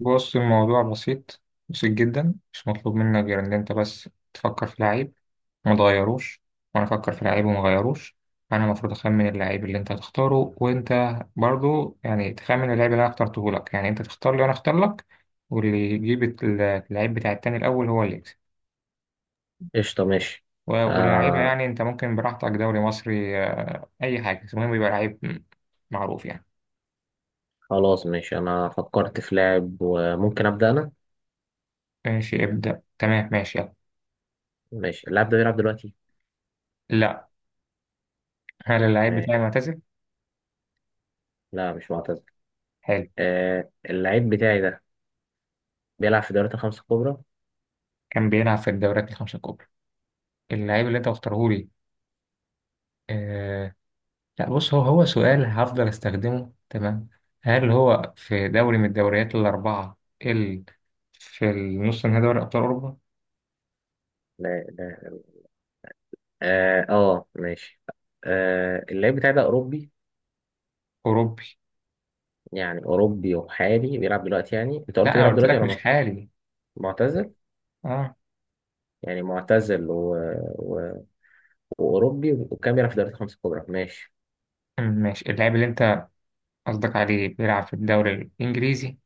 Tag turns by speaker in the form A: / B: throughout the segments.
A: بص الموضوع بسيط. بسيط جدا. مش مطلوب منك غير ان انت بس تفكر في لعيب وما تغيروش، وانا افكر في لعيب وما اغيروش. انا المفروض اخمن اللعيب اللي انت هتختاره، وانت برضو يعني تخمن اللعيب اللي انا اخترته لك. يعني انت تختار لي وانا اختار لك. واللي يجيب اللعيب بتاع التاني الاول هو اللي يكسب.
B: قشطة، ماشي.
A: ولاعيبه
B: آه.
A: يعني انت ممكن براحتك دوري مصري، اي حاجه، بس المهم يبقى لعيب معروف يعني.
B: خلاص ماشي، أنا فكرت في لاعب وممكن أبدأ أنا.
A: ماشي، ابدأ، تمام، ماشي، يلا.
B: ماشي. اللاعب ده بيلعب دلوقتي؟
A: لا. هل اللعيب
B: ماشي.
A: بتاعي معتزل؟
B: لا مش معتزل.
A: حلو.
B: آه اللاعب بتاعي ده بيلعب في دوريات الخمسة الكبرى.
A: كان بيلعب في الدوريات الخمسة الكبرى اللعيب اللي انت مختاره لي. آه. لا، بص، هو سؤال هفضل استخدمه، تمام. هل هو في دوري من الدوريات الأربعة اللي في النص نهائي دوري أبطال أوروبا؟
B: لا لا. آه، آه، ماشي. آه اللاعب بتاعي ده أوروبي،
A: أوروبي.
B: يعني أوروبي وحالي، بيلعب دلوقتي؟ يعني أنت
A: لا
B: قلت
A: أنا
B: بيلعب
A: قلت
B: دلوقتي
A: لك
B: ولا
A: مش حالي.
B: معتزل.
A: اه.
B: يعني معتزل و... و... وأوروبي وكان بيلعب في دوريات الخمسة الكبرى، ماشي.
A: ماشي، اللاعب اللي انت قصدك عليه بيلعب في الدوري الإنجليزي.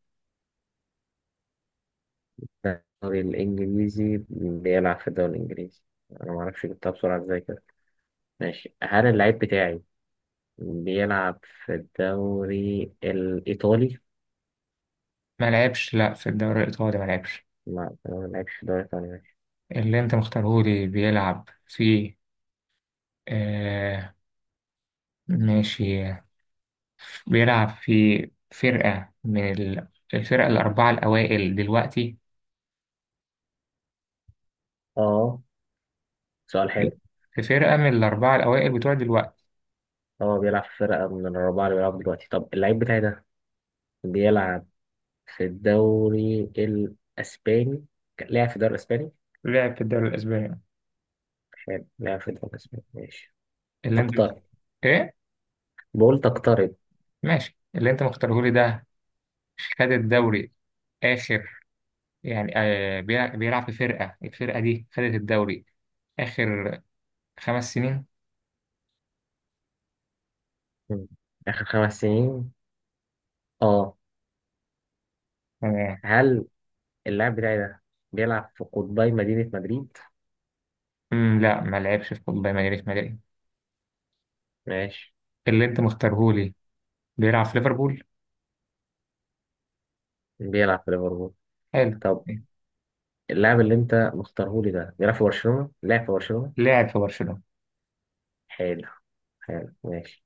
B: الدوري الإنجليزي، بيلعب في الدوري الإنجليزي. أنا معرفش جبتها بسرعة إزاي كده. ماشي، هل اللعيب بتاعي بيلعب في الدوري الإيطالي؟
A: ما لعبش لا في الدوري الإيطالي، ما لعبش.
B: لا هو ما بيلعبش في الدوري الإيطالي، ماشي.
A: اللي انت مختاره لي بيلعب في، آه ماشي، بيلعب في فرقة من الفرقة الأربعة الأوائل دلوقتي.
B: آه، سؤال حلو.
A: في فرقة من الأربعة الأوائل بتوع دلوقتي.
B: هو بيلعب في فرقة من الرابعة اللي بيلعب دلوقتي. طب اللعيب بتاعي ده بيلعب في الدوري الإسباني، لعب في الدوري الإسباني؟
A: لعب في الدوري الأسباني.
B: حلو، لعب في الدوري الإسباني، ماشي.
A: اللي أنت.
B: تقترب.
A: إيه؟
B: بقول تقترب.
A: ماشي، اللي أنت مختاره لي ده خد الدوري آخر، يعني بيلعب في الفرقة دي خدت الدوري آخر خمس سنين.
B: مم. آخر 5 سنين. آه.
A: تمام.
B: هل اللاعب بتاعي ده بيلعب في قطبي مدينة مدريد؟
A: لا، ما لعبش في كوبا مدريد، ما لعب.
B: ماشي.
A: اللي أنت مختاره لي بيلعب في ليفربول.
B: بيلعب في ليفربول.
A: حلو.
B: طب اللاعب اللي انت مختاره لي ده بيلعب في برشلونة، لعب في برشلونة؟
A: لعب في برشلونة.
B: حلو. حلو ماشي.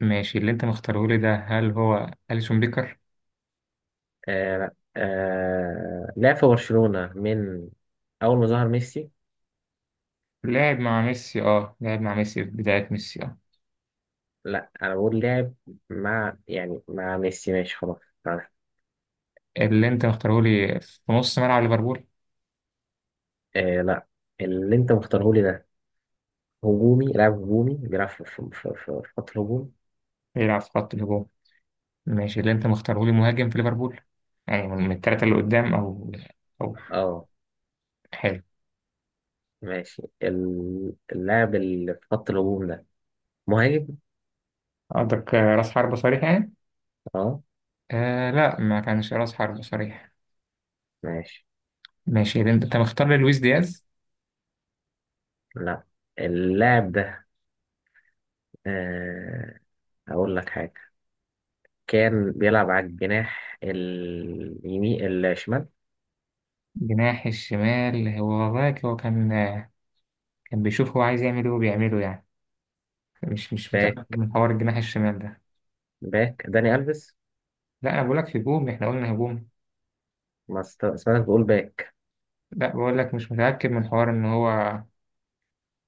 A: ماشي، اللي انت مختاره لي ده، هل هو أليسون بيكر؟
B: آه لا. آه لعب في برشلونة من أول ما ظهر ميسي.
A: لعب مع ميسي، اه، لعب مع ميسي في بداية ميسي، اه.
B: لا أنا بقول لعب، مع يعني مع ميسي، ماشي خلاص، عارف.
A: اللي انت مختاره لي في نص ملعب ليفربول.
B: آه لا. اللي انت مختاره لي ده هجومي، لاعب هجومي، بيلعب في خط الهجوم.
A: بيلعب في خط الهجوم. ماشي، اللي انت مختاره لي مهاجم في ليفربول. يعني من الثلاثة اللي قدام، او، او.
B: اه.
A: حلو.
B: ماشي، اللاعب اللي في خط الهجوم ده مهاجم.
A: قصدك راس حربة صريح يعني؟
B: اه.
A: آه لا، ما كانش راس حربة صريح.
B: ماشي.
A: ماشي، اللي أنت مختار لي لويس دياز.
B: لا. اللاعب ده، آه هقول لك حاجة، كان بيلعب على الجناح اليمين الشمال.
A: جناح الشمال؟ هو والله هو كان، كان بيشوف هو عايز يعمل ايه وبيعمله يعني. مش متأكد
B: باك،
A: من حوار الجناح الشمال ده.
B: باك داني ألفيس.
A: لا انا بقول لك هجوم، احنا قلنا هجوم.
B: ما است- سمعتك بتقول باك.
A: لا بقول لك مش متأكد من حوار ان هو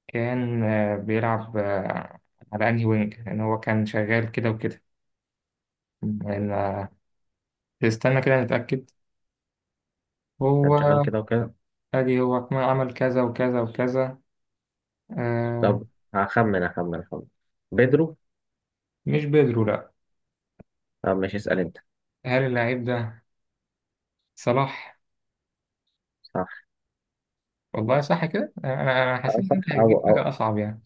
A: كان، بيلعب على انهي وينج، ان هو كان شغال كده وكده يعني، استنى كده نتأكد.
B: كان شغال
A: هو.
B: كده وكده.
A: ادي هو كمان عمل كذا وكذا وكذا. آه.
B: طب هخمن بيدرو.
A: مش بيدرو، لا.
B: طب ماشي، اسأل انت.
A: هل اللاعب ده صلاح؟
B: صح.
A: والله صح كده، انا حسيت
B: أو
A: ان انت
B: صح، أو
A: هتجيب
B: أو
A: حاجة اصعب يعني.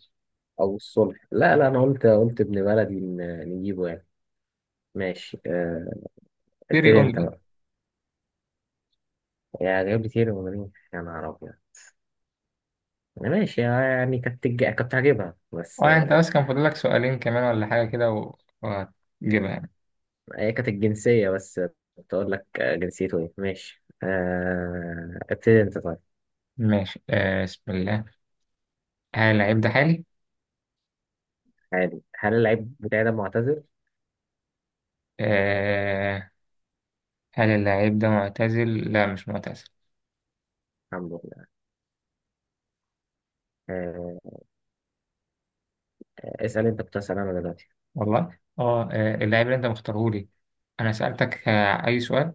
B: أو الصلح. لا لا، أنا قلت ابن بلدي نجيبه يعني. ماشي،
A: بيري
B: ابتدي انت
A: اونلي.
B: بقى. يا جايب لي كتير ولا مين، يا نهار أبيض. ماشي يعني كنت هجيبها بس
A: اه، انت
B: آه،
A: بس كان فاضلك سؤالين كمان ولا حاجة كده، وهتجيبها يعني.
B: هي كانت الجنسية بس، كنت أقول لك، جنسيته إيه، ماشي، ابتدي أنت طيب.
A: ماشي، آه، بسم الله. هل اللاعب ده حالي؟
B: عادي. هل اللعيب بتاعي ده معتزل؟
A: آه. هل اللاعب ده معتزل؟ لا مش معتزل.
B: الحمد لله آه، اسأل أنت، كنت هسأل أنا دلوقتي.
A: والله اه، اللاعب اللي انت مختارهولي، انا سألتك اي سؤال.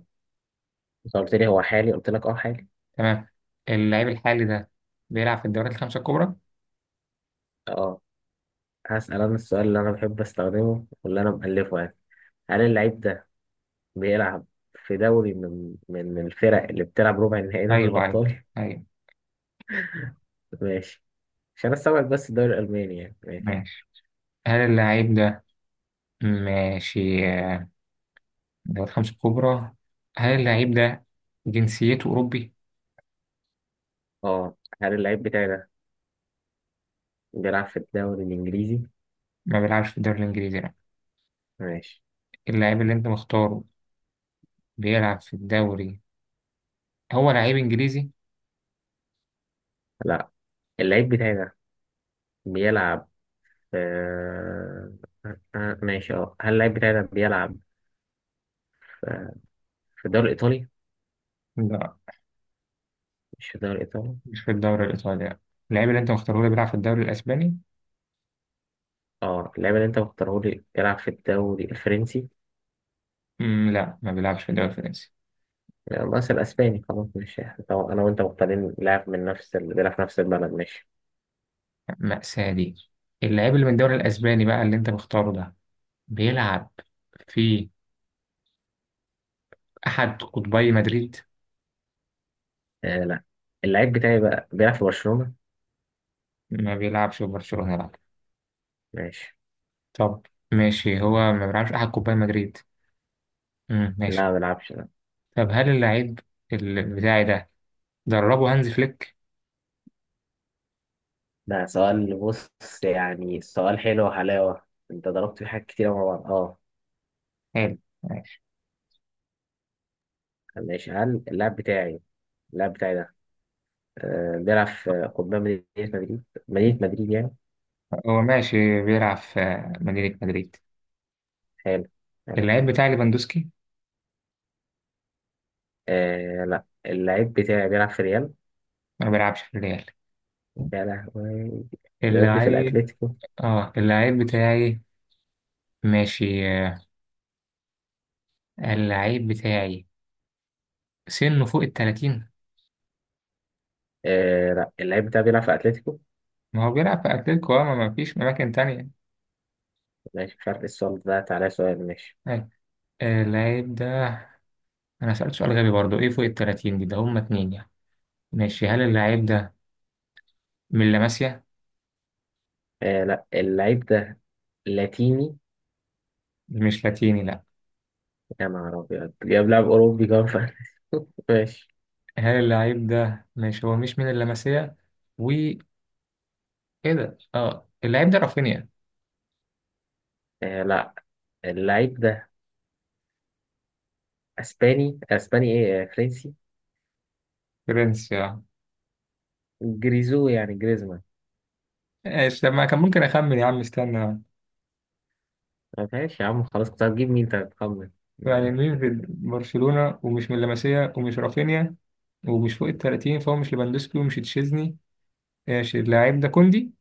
B: أنت قلت لي هو حالي، قلت لك أه حالي.
A: تمام. اللاعب الحالي ده بيلعب في الدوريات الخمسة الكبرى؟
B: أه. هسأل أنا السؤال اللي أنا بحب أستخدمه واللي أنا مألفه يعني. هل اللعيب ده بيلعب في دوري من الفرق اللي بتلعب ربع النهائي دوري
A: ايوه، ايوه،
B: الأبطال؟
A: ايوه.
B: ماشي عشان أستوعب بس، الدوري الألماني يعني، ماشي.
A: ماشي، هل اللاعب ده، ماشي، الدوريات الخمسة الكبرى. هل اللاعب ده جنسيته أوروبي؟
B: أه. هل اللعيب بتاعي ده بيلعب في الدوري الإنجليزي؟
A: ما بيلعبش في الدوري الإنجليزي، لا.
B: ماشي.
A: اللاعب اللي انت مختاره بيلعب في الدوري، هو لعيب إنجليزي؟
B: لا اللعيب بتاعي ده بيلعب في، ماشي اه هل اللعيب بتاعي ده بيلعب في في الدوري الإيطالي؟
A: لا،
B: مش في الدوري الإيطالي.
A: مش في الدوري الإيطالي، لا. اللاعب اللي أنت مختاره لي بيلعب في الدوري الأسباني؟
B: اه اللعيب اللي أنت مختاره لي بيلعب في الدوري الفرنسي.
A: لا، ما بيلعبش في الدوري الفرنسي.
B: لا، بس الأسباني، خلاص ماشي. طبعا أنا وأنت مختارين لاعب من نفس ال، بيلعب في نفس البلد، ماشي.
A: مأساة دي. اللاعب اللي من الدوري الأسباني بقى، اللي أنت مختاره ده، بيلعب في أحد قطبي مدريد؟
B: آه لا. اللعيب بتاعي بقى بيلعب في برشلونة.
A: ما بيلعبش في برشلونة، لا.
B: ماشي.
A: طب ماشي، هو ما بيلعبش أحد قطبي مدريد،
B: لا
A: ماشي.
B: ما بيلعبش لا.
A: طب هل اللاعب بتاعي ده دربه هانز فليك؟
B: ده سؤال، بص، يعني سؤال حلو وحلاوة، انت ضربت في حاجات كتير مع بعض، اه.
A: حلو، ماشي.
B: ماشي هل اللاعب بتاعي ده بيلعب في قطبان مدينة مدريد، مدينة مدريد يعني.
A: هو ماشي بيلعب في مدينة مدريد.
B: حلو. حلو.
A: اللاعب بتاعي ليفاندوسكي.
B: آه لا. اللاعب بتاعي بيلعب في ريال.
A: ما بيلعبش في الريال.
B: يا لهوي، جاب لي في
A: اللعيب.
B: الأتليتيكو.
A: اه اللعيب بتاعي، ماشي، اللعيب بتاعي سنه فوق التلاتين.
B: آه لا اللاعب بتاعي بيلعب في أتليتيكو.
A: ما هو بيلعب في أتلتيكو، ما فيش أماكن تانية.
B: ماشي، مش عارف ايه السؤال ده، تعالى سؤال، ماشي.
A: أيوة. اللعيب ده، أنا سألت سؤال غبي برضو، إيه فوق التلاتين دي؟ ده هما اتنين يعني. ماشي، هل اللعيب ده من لاماسيا؟
B: آه لا. اللاعب ده لاتيني.
A: مش لاتيني، لأ.
B: يا نهار أبيض، جاب لاعب أوروبي كمان في أتلتيكو. ماشي.
A: هل اللعيب ده، ماشي، هو مش من اللاماسيا و، إيه ده؟ اه اللعيب ده رافينيا.
B: آه لا. اللعيب ده اسباني، اسباني ايه، فرنسي.
A: فرنسي، اه.
B: جريزو يعني جريزمان.
A: ايش لما كان ممكن أخمن يا عم، استنى.
B: طب ماشي يا عم خلاص، كنت هتجيب مين انت هتخمن؟
A: يعني مين في برشلونة ومش من لاماسيا ومش رافينيا ومش فوق ال 30، فهو مش ليفاندوسكي ومش تشيزني. ماشي، اللاعب ده كوندي.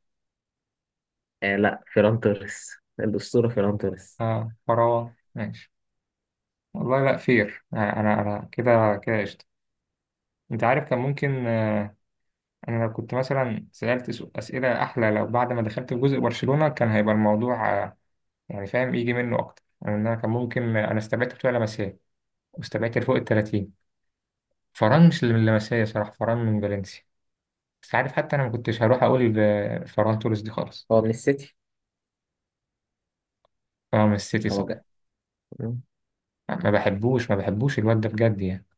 B: آه لا فيران توريس، الأسطورة فيران توريس.
A: اه، فراوة، ماشي. والله، لا، فير، انا كده كده قشطة. انت عارف كان ممكن، انا لو كنت مثلا سألت اسئلة احلى لو بعد ما دخلت في جزء برشلونة كان هيبقى الموضوع، يعني فاهم يجي منه اكتر يعني. إن انا كان ممكن، انا استبعدت بتوع لمسيه، واستبعدت اللي فوق ال 30. فران مش اللي من لمسيه، صراحة فران من فالنسيا. بس عارف، حتى انا ما كنتش هروح اقول فران توريس دي خالص.
B: هو من السيتي.
A: فران من السيتي،
B: هو
A: صح.
B: جا.
A: ما بحبوش، ما بحبوش الواد ده بجد يعني.